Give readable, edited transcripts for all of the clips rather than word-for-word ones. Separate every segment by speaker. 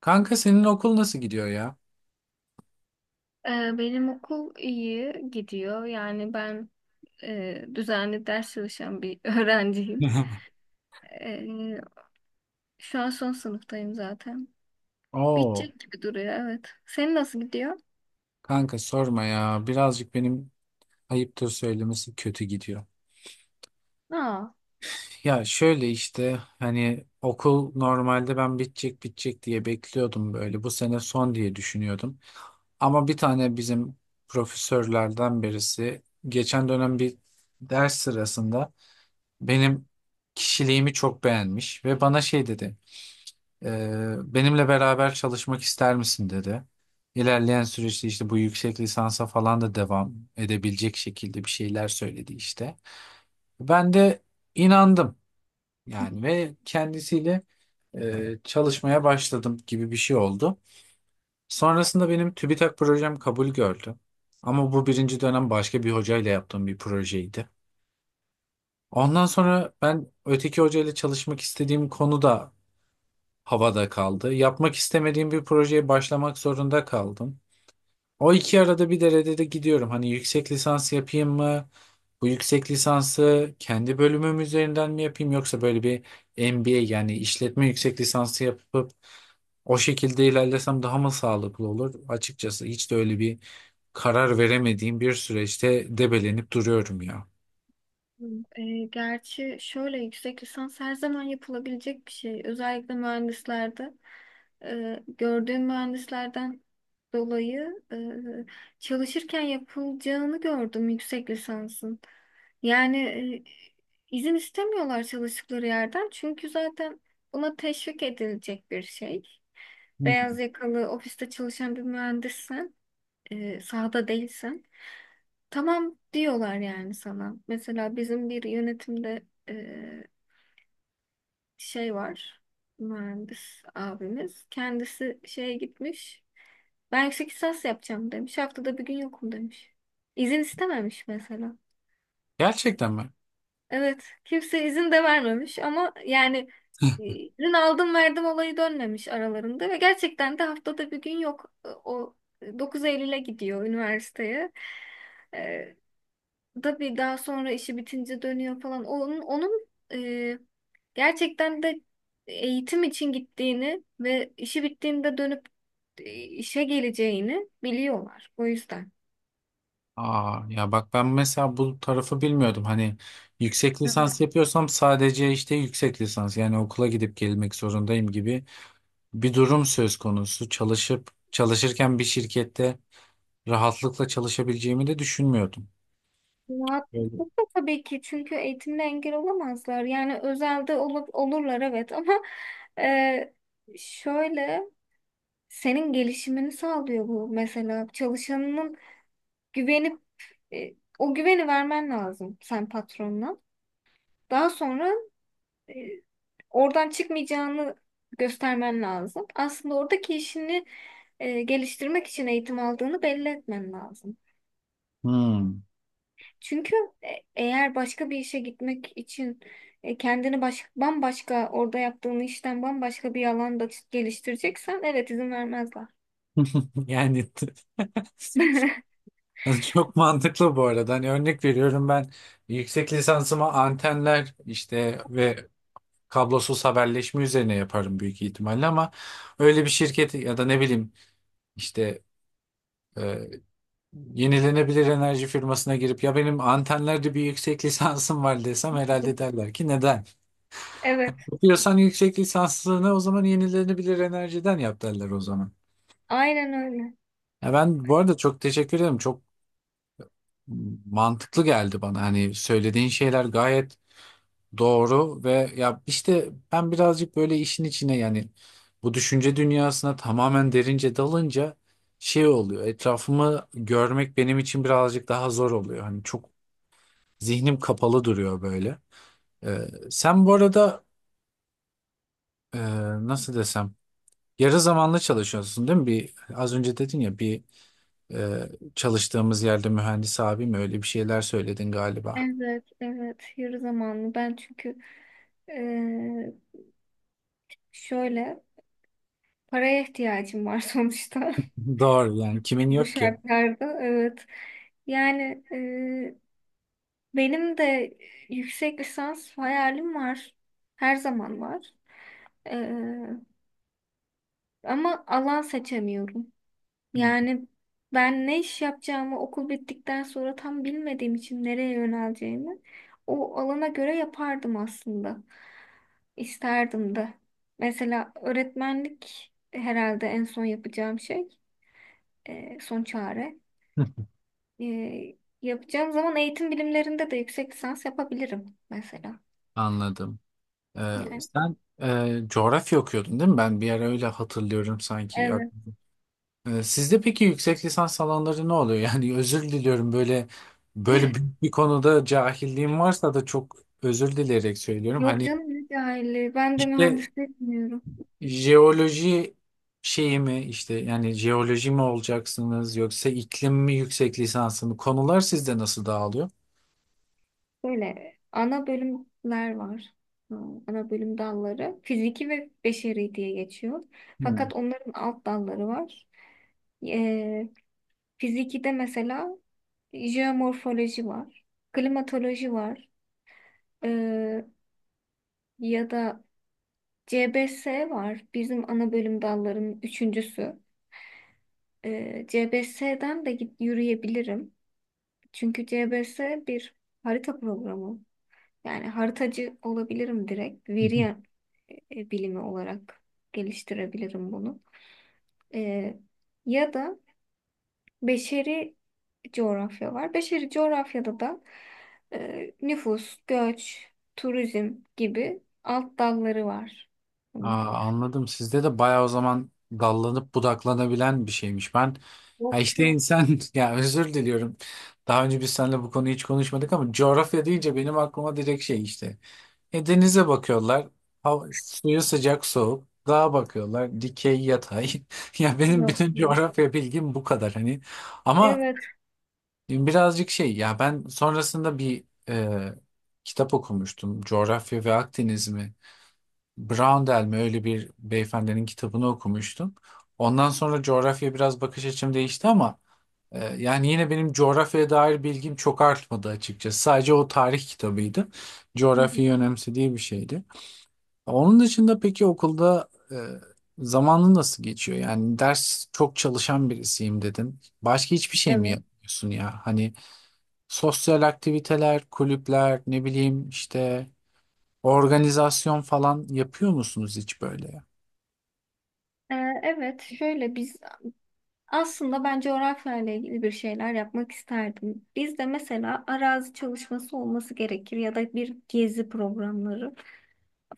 Speaker 1: Kanka senin okul nasıl gidiyor ya?
Speaker 2: Benim okul iyi gidiyor. Yani ben düzenli ders çalışan bir öğrenciyim. Ee, Şu an son sınıftayım zaten.
Speaker 1: Oo,
Speaker 2: Bitecek gibi duruyor, evet. Senin nasıl gidiyor?
Speaker 1: kanka sorma ya. Birazcık benim ayıptır söylemesi kötü gidiyor.
Speaker 2: Aa.
Speaker 1: Ya şöyle işte hani okul normalde ben bitecek diye bekliyordum böyle. Bu sene son diye düşünüyordum. Ama bir tane bizim profesörlerden birisi geçen dönem bir ders sırasında benim kişiliğimi çok beğenmiş ve bana şey dedi. Benimle beraber çalışmak ister misin dedi. İlerleyen süreçte işte bu yüksek lisansa falan da devam edebilecek şekilde bir şeyler söyledi işte. Ben de inandım yani ve kendisiyle çalışmaya başladım gibi bir şey oldu. Sonrasında benim TÜBİTAK projem kabul gördü. Ama bu birinci dönem başka bir hocayla yaptığım bir projeydi. Ondan sonra ben öteki hocayla çalışmak istediğim konu da havada kaldı. Yapmak istemediğim bir projeye başlamak zorunda kaldım. O iki arada bir derede de gidiyorum. Hani yüksek lisans yapayım mı? Bu yüksek lisansı kendi bölümüm üzerinden mi yapayım yoksa böyle bir MBA yani işletme yüksek lisansı yapıp o şekilde ilerlesem daha mı sağlıklı olur? Açıkçası hiç de öyle bir karar veremediğim bir süreçte debelenip duruyorum ya.
Speaker 2: Gerçi şöyle, yüksek lisans her zaman yapılabilecek bir şey. Özellikle mühendislerde, gördüğüm mühendislerden dolayı çalışırken yapılacağını gördüm yüksek lisansın. Yani, izin istemiyorlar çalıştıkları yerden, çünkü zaten buna teşvik edilecek bir şey. Beyaz
Speaker 1: Hmm.
Speaker 2: yakalı ofiste çalışan bir mühendissen, sahada değilsen. Tamam diyorlar yani sana. Mesela bizim bir yönetimde e, şey var. Mühendis abimiz. Kendisi şeye gitmiş. Ben yüksek lisans yapacağım demiş. Haftada bir gün yokum demiş. İzin istememiş mesela.
Speaker 1: Gerçekten mi?
Speaker 2: Evet. Kimse izin de vermemiş, ama yani izin aldım verdim olayı dönmemiş aralarında ve gerçekten de haftada bir gün yok. E, o 9 Eylül'e gidiyor üniversiteye. Tabii daha sonra işi bitince dönüyor falan. Onun, e, gerçekten de eğitim için gittiğini ve işi bittiğinde dönüp işe geleceğini biliyorlar. O yüzden.
Speaker 1: Aa, ya bak ben mesela bu tarafı bilmiyordum. Hani yüksek
Speaker 2: Evet.
Speaker 1: lisans yapıyorsam sadece işte yüksek lisans yani okula gidip gelmek zorundayım gibi bir durum söz konusu. Çalışıp çalışırken bir şirkette rahatlıkla çalışabileceğimi de düşünmüyordum. Öyle.
Speaker 2: Rahatlıkla tabii ki, çünkü eğitimle engel olamazlar. Yani özelde olup olurlar, evet, ama e, şöyle, senin gelişimini sağlıyor bu. Mesela çalışanının güvenip, e, o güveni vermen lazım sen patronuna. Daha sonra e, oradan çıkmayacağını göstermen lazım. Aslında oradaki işini geliştirmek için eğitim aldığını belli etmen lazım.
Speaker 1: Hmm.
Speaker 2: Çünkü e, eğer başka bir işe gitmek için, kendini bambaşka, orada yaptığın işten bambaşka bir alanda geliştireceksen, evet, izin vermezler.
Speaker 1: Yani çok mantıklı bu arada. Hani örnek veriyorum ben yüksek lisansıma antenler işte ve kablosuz haberleşme üzerine yaparım büyük ihtimalle ama öyle bir şirket ya da ne bileyim işte yenilenebilir enerji firmasına girip ya benim antenlerde bir yüksek lisansım var desem herhalde derler ki neden?
Speaker 2: Evet,
Speaker 1: Yapıyorsan yüksek lisansını o zaman yenilenebilir enerjiden yap derler o zaman.
Speaker 2: aynen öyle.
Speaker 1: Ya ben bu arada çok teşekkür ederim. Çok mantıklı geldi bana. Hani söylediğin şeyler gayet doğru ve ya işte ben birazcık böyle işin içine yani bu düşünce dünyasına tamamen derince dalınca şey oluyor. Etrafımı görmek benim için birazcık daha zor oluyor. Hani çok zihnim kapalı duruyor böyle. Sen bu arada e, nasıl desem yarı zamanlı çalışıyorsun değil mi? Bir az önce dedin ya bir e, çalıştığımız yerde mühendis abi mi öyle bir şeyler söyledin galiba.
Speaker 2: Evet, evet. Yarı zamanlı. Ben çünkü e, şöyle, paraya ihtiyacım var sonuçta.
Speaker 1: Doğru yani kimin
Speaker 2: Bu
Speaker 1: yok ki?
Speaker 2: şartlarda evet. Yani, benim de yüksek lisans hayalim var. Her zaman var. E, Ama alan seçemiyorum.
Speaker 1: Hmm.
Speaker 2: Yani ben ne iş yapacağımı okul bittikten sonra tam bilmediğim için nereye yöneleceğimi o alana göre yapardım aslında. İsterdim de. Mesela öğretmenlik herhalde en son yapacağım şey, son çare. Ee, Yapacağım zaman eğitim bilimlerinde de yüksek lisans yapabilirim mesela.
Speaker 1: Anladım.
Speaker 2: Yani
Speaker 1: Sen coğrafya okuyordun değil mi? Ben bir ara öyle hatırlıyorum sanki.
Speaker 2: evet.
Speaker 1: Sizde peki yüksek lisans alanları ne oluyor? Yani özür diliyorum böyle böyle büyük bir konuda cahilliğim varsa da çok özür dileyerek söylüyorum.
Speaker 2: Yok
Speaker 1: Hani
Speaker 2: canım, ne cahilliği. Ben de
Speaker 1: işte
Speaker 2: mühendislik bilmiyorum.
Speaker 1: jeoloji şeyi mi işte yani jeoloji mi olacaksınız yoksa iklim mi yüksek lisansı mı? Konular sizde nasıl dağılıyor?
Speaker 2: Böyle ana bölümler var. Ha, ana bölüm dalları. Fiziki ve beşeri diye geçiyor.
Speaker 1: Hmm.
Speaker 2: Fakat onların alt dalları var. Ee, Fizikide mesela jeomorfoloji var. Klimatoloji var. Ee, Ya da CBS var. Bizim ana bölüm dallarının üçüncüsü. CBS'den de git yürüyebilirim. Çünkü CBS bir harita programı. Yani haritacı olabilirim direkt. Veri bilimi olarak geliştirebilirim bunu. Ee, Ya da beşeri coğrafya var. Beşeri coğrafyada da nüfus, göç, turizm gibi alt dalları var. Bunun.
Speaker 1: Aa, anladım. Sizde de bayağı o zaman dallanıp budaklanabilen bir şeymiş. Ben ya
Speaker 2: Yok,
Speaker 1: işte
Speaker 2: yok.
Speaker 1: insan ya özür diliyorum. Daha önce biz seninle bu konuyu hiç konuşmadık ama coğrafya deyince benim aklıma direkt şey işte. E, denize bakıyorlar. Hava, suyu sıcak soğuk. Dağa bakıyorlar. Dikey yatay. Ya benim
Speaker 2: Yok,
Speaker 1: bütün
Speaker 2: yok.
Speaker 1: coğrafya bilgim bu kadar hani. Ama
Speaker 2: Evet.
Speaker 1: birazcık şey ya ben sonrasında bir e, kitap okumuştum. Coğrafya ve Akdeniz mi? Brown mi öyle bir beyefendinin kitabını okumuştum. Ondan sonra coğrafya biraz bakış açım değişti ama yani yine benim coğrafyaya dair bilgim çok artmadı açıkçası. Sadece o tarih kitabıydı.
Speaker 2: Hı hı.
Speaker 1: Coğrafyayı önemsediği bir şeydi. Onun dışında peki okulda zamanın nasıl geçiyor? Yani ders çok çalışan birisiyim dedin. Başka hiçbir şey mi
Speaker 2: Evet.
Speaker 1: yapmıyorsun ya? Hani sosyal aktiviteler, kulüpler, ne bileyim işte organizasyon falan yapıyor musunuz hiç böyle?
Speaker 2: Ee, evet, şöyle biz. Aslında ben coğrafyayla ilgili bir şeyler yapmak isterdim. Bizde mesela arazi çalışması olması gerekir ya da bir gezi programları.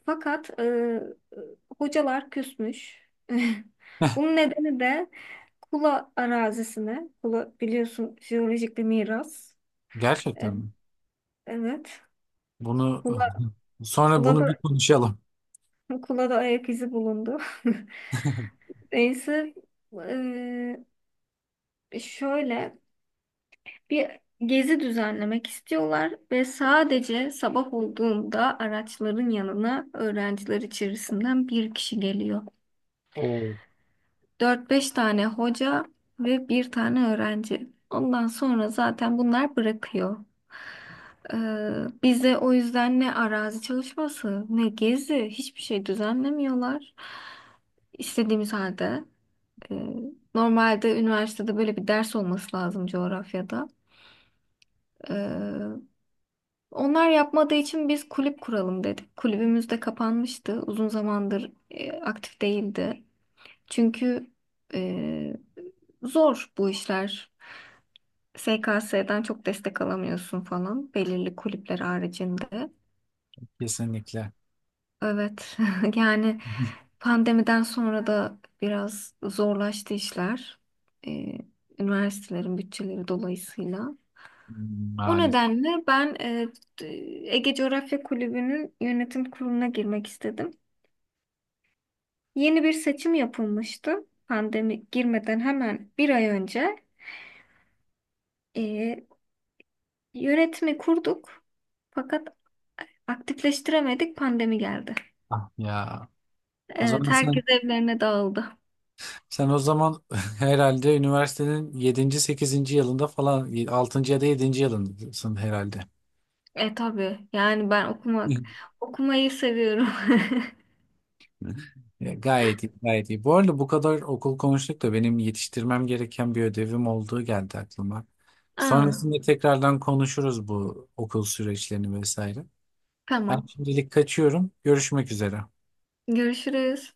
Speaker 2: Fakat hocalar küsmüş. Bunun nedeni de Kula arazisine. Kula biliyorsun jeolojik bir miras. E,
Speaker 1: Gerçekten mi?
Speaker 2: evet.
Speaker 1: Bunu
Speaker 2: Kula,
Speaker 1: sonra bunu bir
Speaker 2: Kula'da,
Speaker 1: konuşalım.
Speaker 2: Kula'da ayak izi bulundu. Neyse, şöyle bir gezi düzenlemek istiyorlar ve sadece sabah olduğunda araçların yanına öğrenciler içerisinden bir kişi geliyor.
Speaker 1: Oo,
Speaker 2: Dört beş tane hoca ve bir tane öğrenci. Ondan sonra zaten bunlar bırakıyor. Ee, Bize o yüzden ne arazi çalışması ne gezi, hiçbir şey düzenlemiyorlar. İstediğimiz halde. e, Normalde üniversitede böyle bir ders olması lazım coğrafyada. Ee, Onlar yapmadığı için biz kulüp kuralım dedik. Kulübümüz de kapanmıştı. Uzun zamandır aktif değildi. Çünkü e, zor bu işler. SKS'den çok destek alamıyorsun falan belirli kulüpler haricinde.
Speaker 1: kesinlikle.
Speaker 2: Evet, yani pandemiden sonra da biraz zorlaştı işler. E, Üniversitelerin bütçeleri dolayısıyla. O
Speaker 1: Maalesef.
Speaker 2: nedenle ben, t- Ege Coğrafya Kulübü'nün yönetim kuruluna girmek istedim. Yeni bir seçim yapılmıştı. Pandemi girmeden hemen bir ay önce. Ee, Yönetimi kurduk. Fakat aktifleştiremedik. Pandemi geldi.
Speaker 1: Ah ya. O
Speaker 2: Evet,
Speaker 1: zaman
Speaker 2: herkes
Speaker 1: sen,
Speaker 2: evlerine dağıldı.
Speaker 1: sen o zaman herhalde üniversitenin 7. 8. yılında falan 6. ya da 7. yılındasın herhalde.
Speaker 2: E tabii. Yani ben okumayı seviyorum.
Speaker 1: E, gayet iyi, gayet iyi. Bu arada bu kadar okul konuştuk da benim yetiştirmem gereken bir ödevim olduğu geldi aklıma.
Speaker 2: Aa,
Speaker 1: Sonrasında tekrardan konuşuruz bu okul süreçlerini vesaire. Ben
Speaker 2: tamam.
Speaker 1: şimdilik kaçıyorum. Görüşmek üzere.
Speaker 2: Görüşürüz.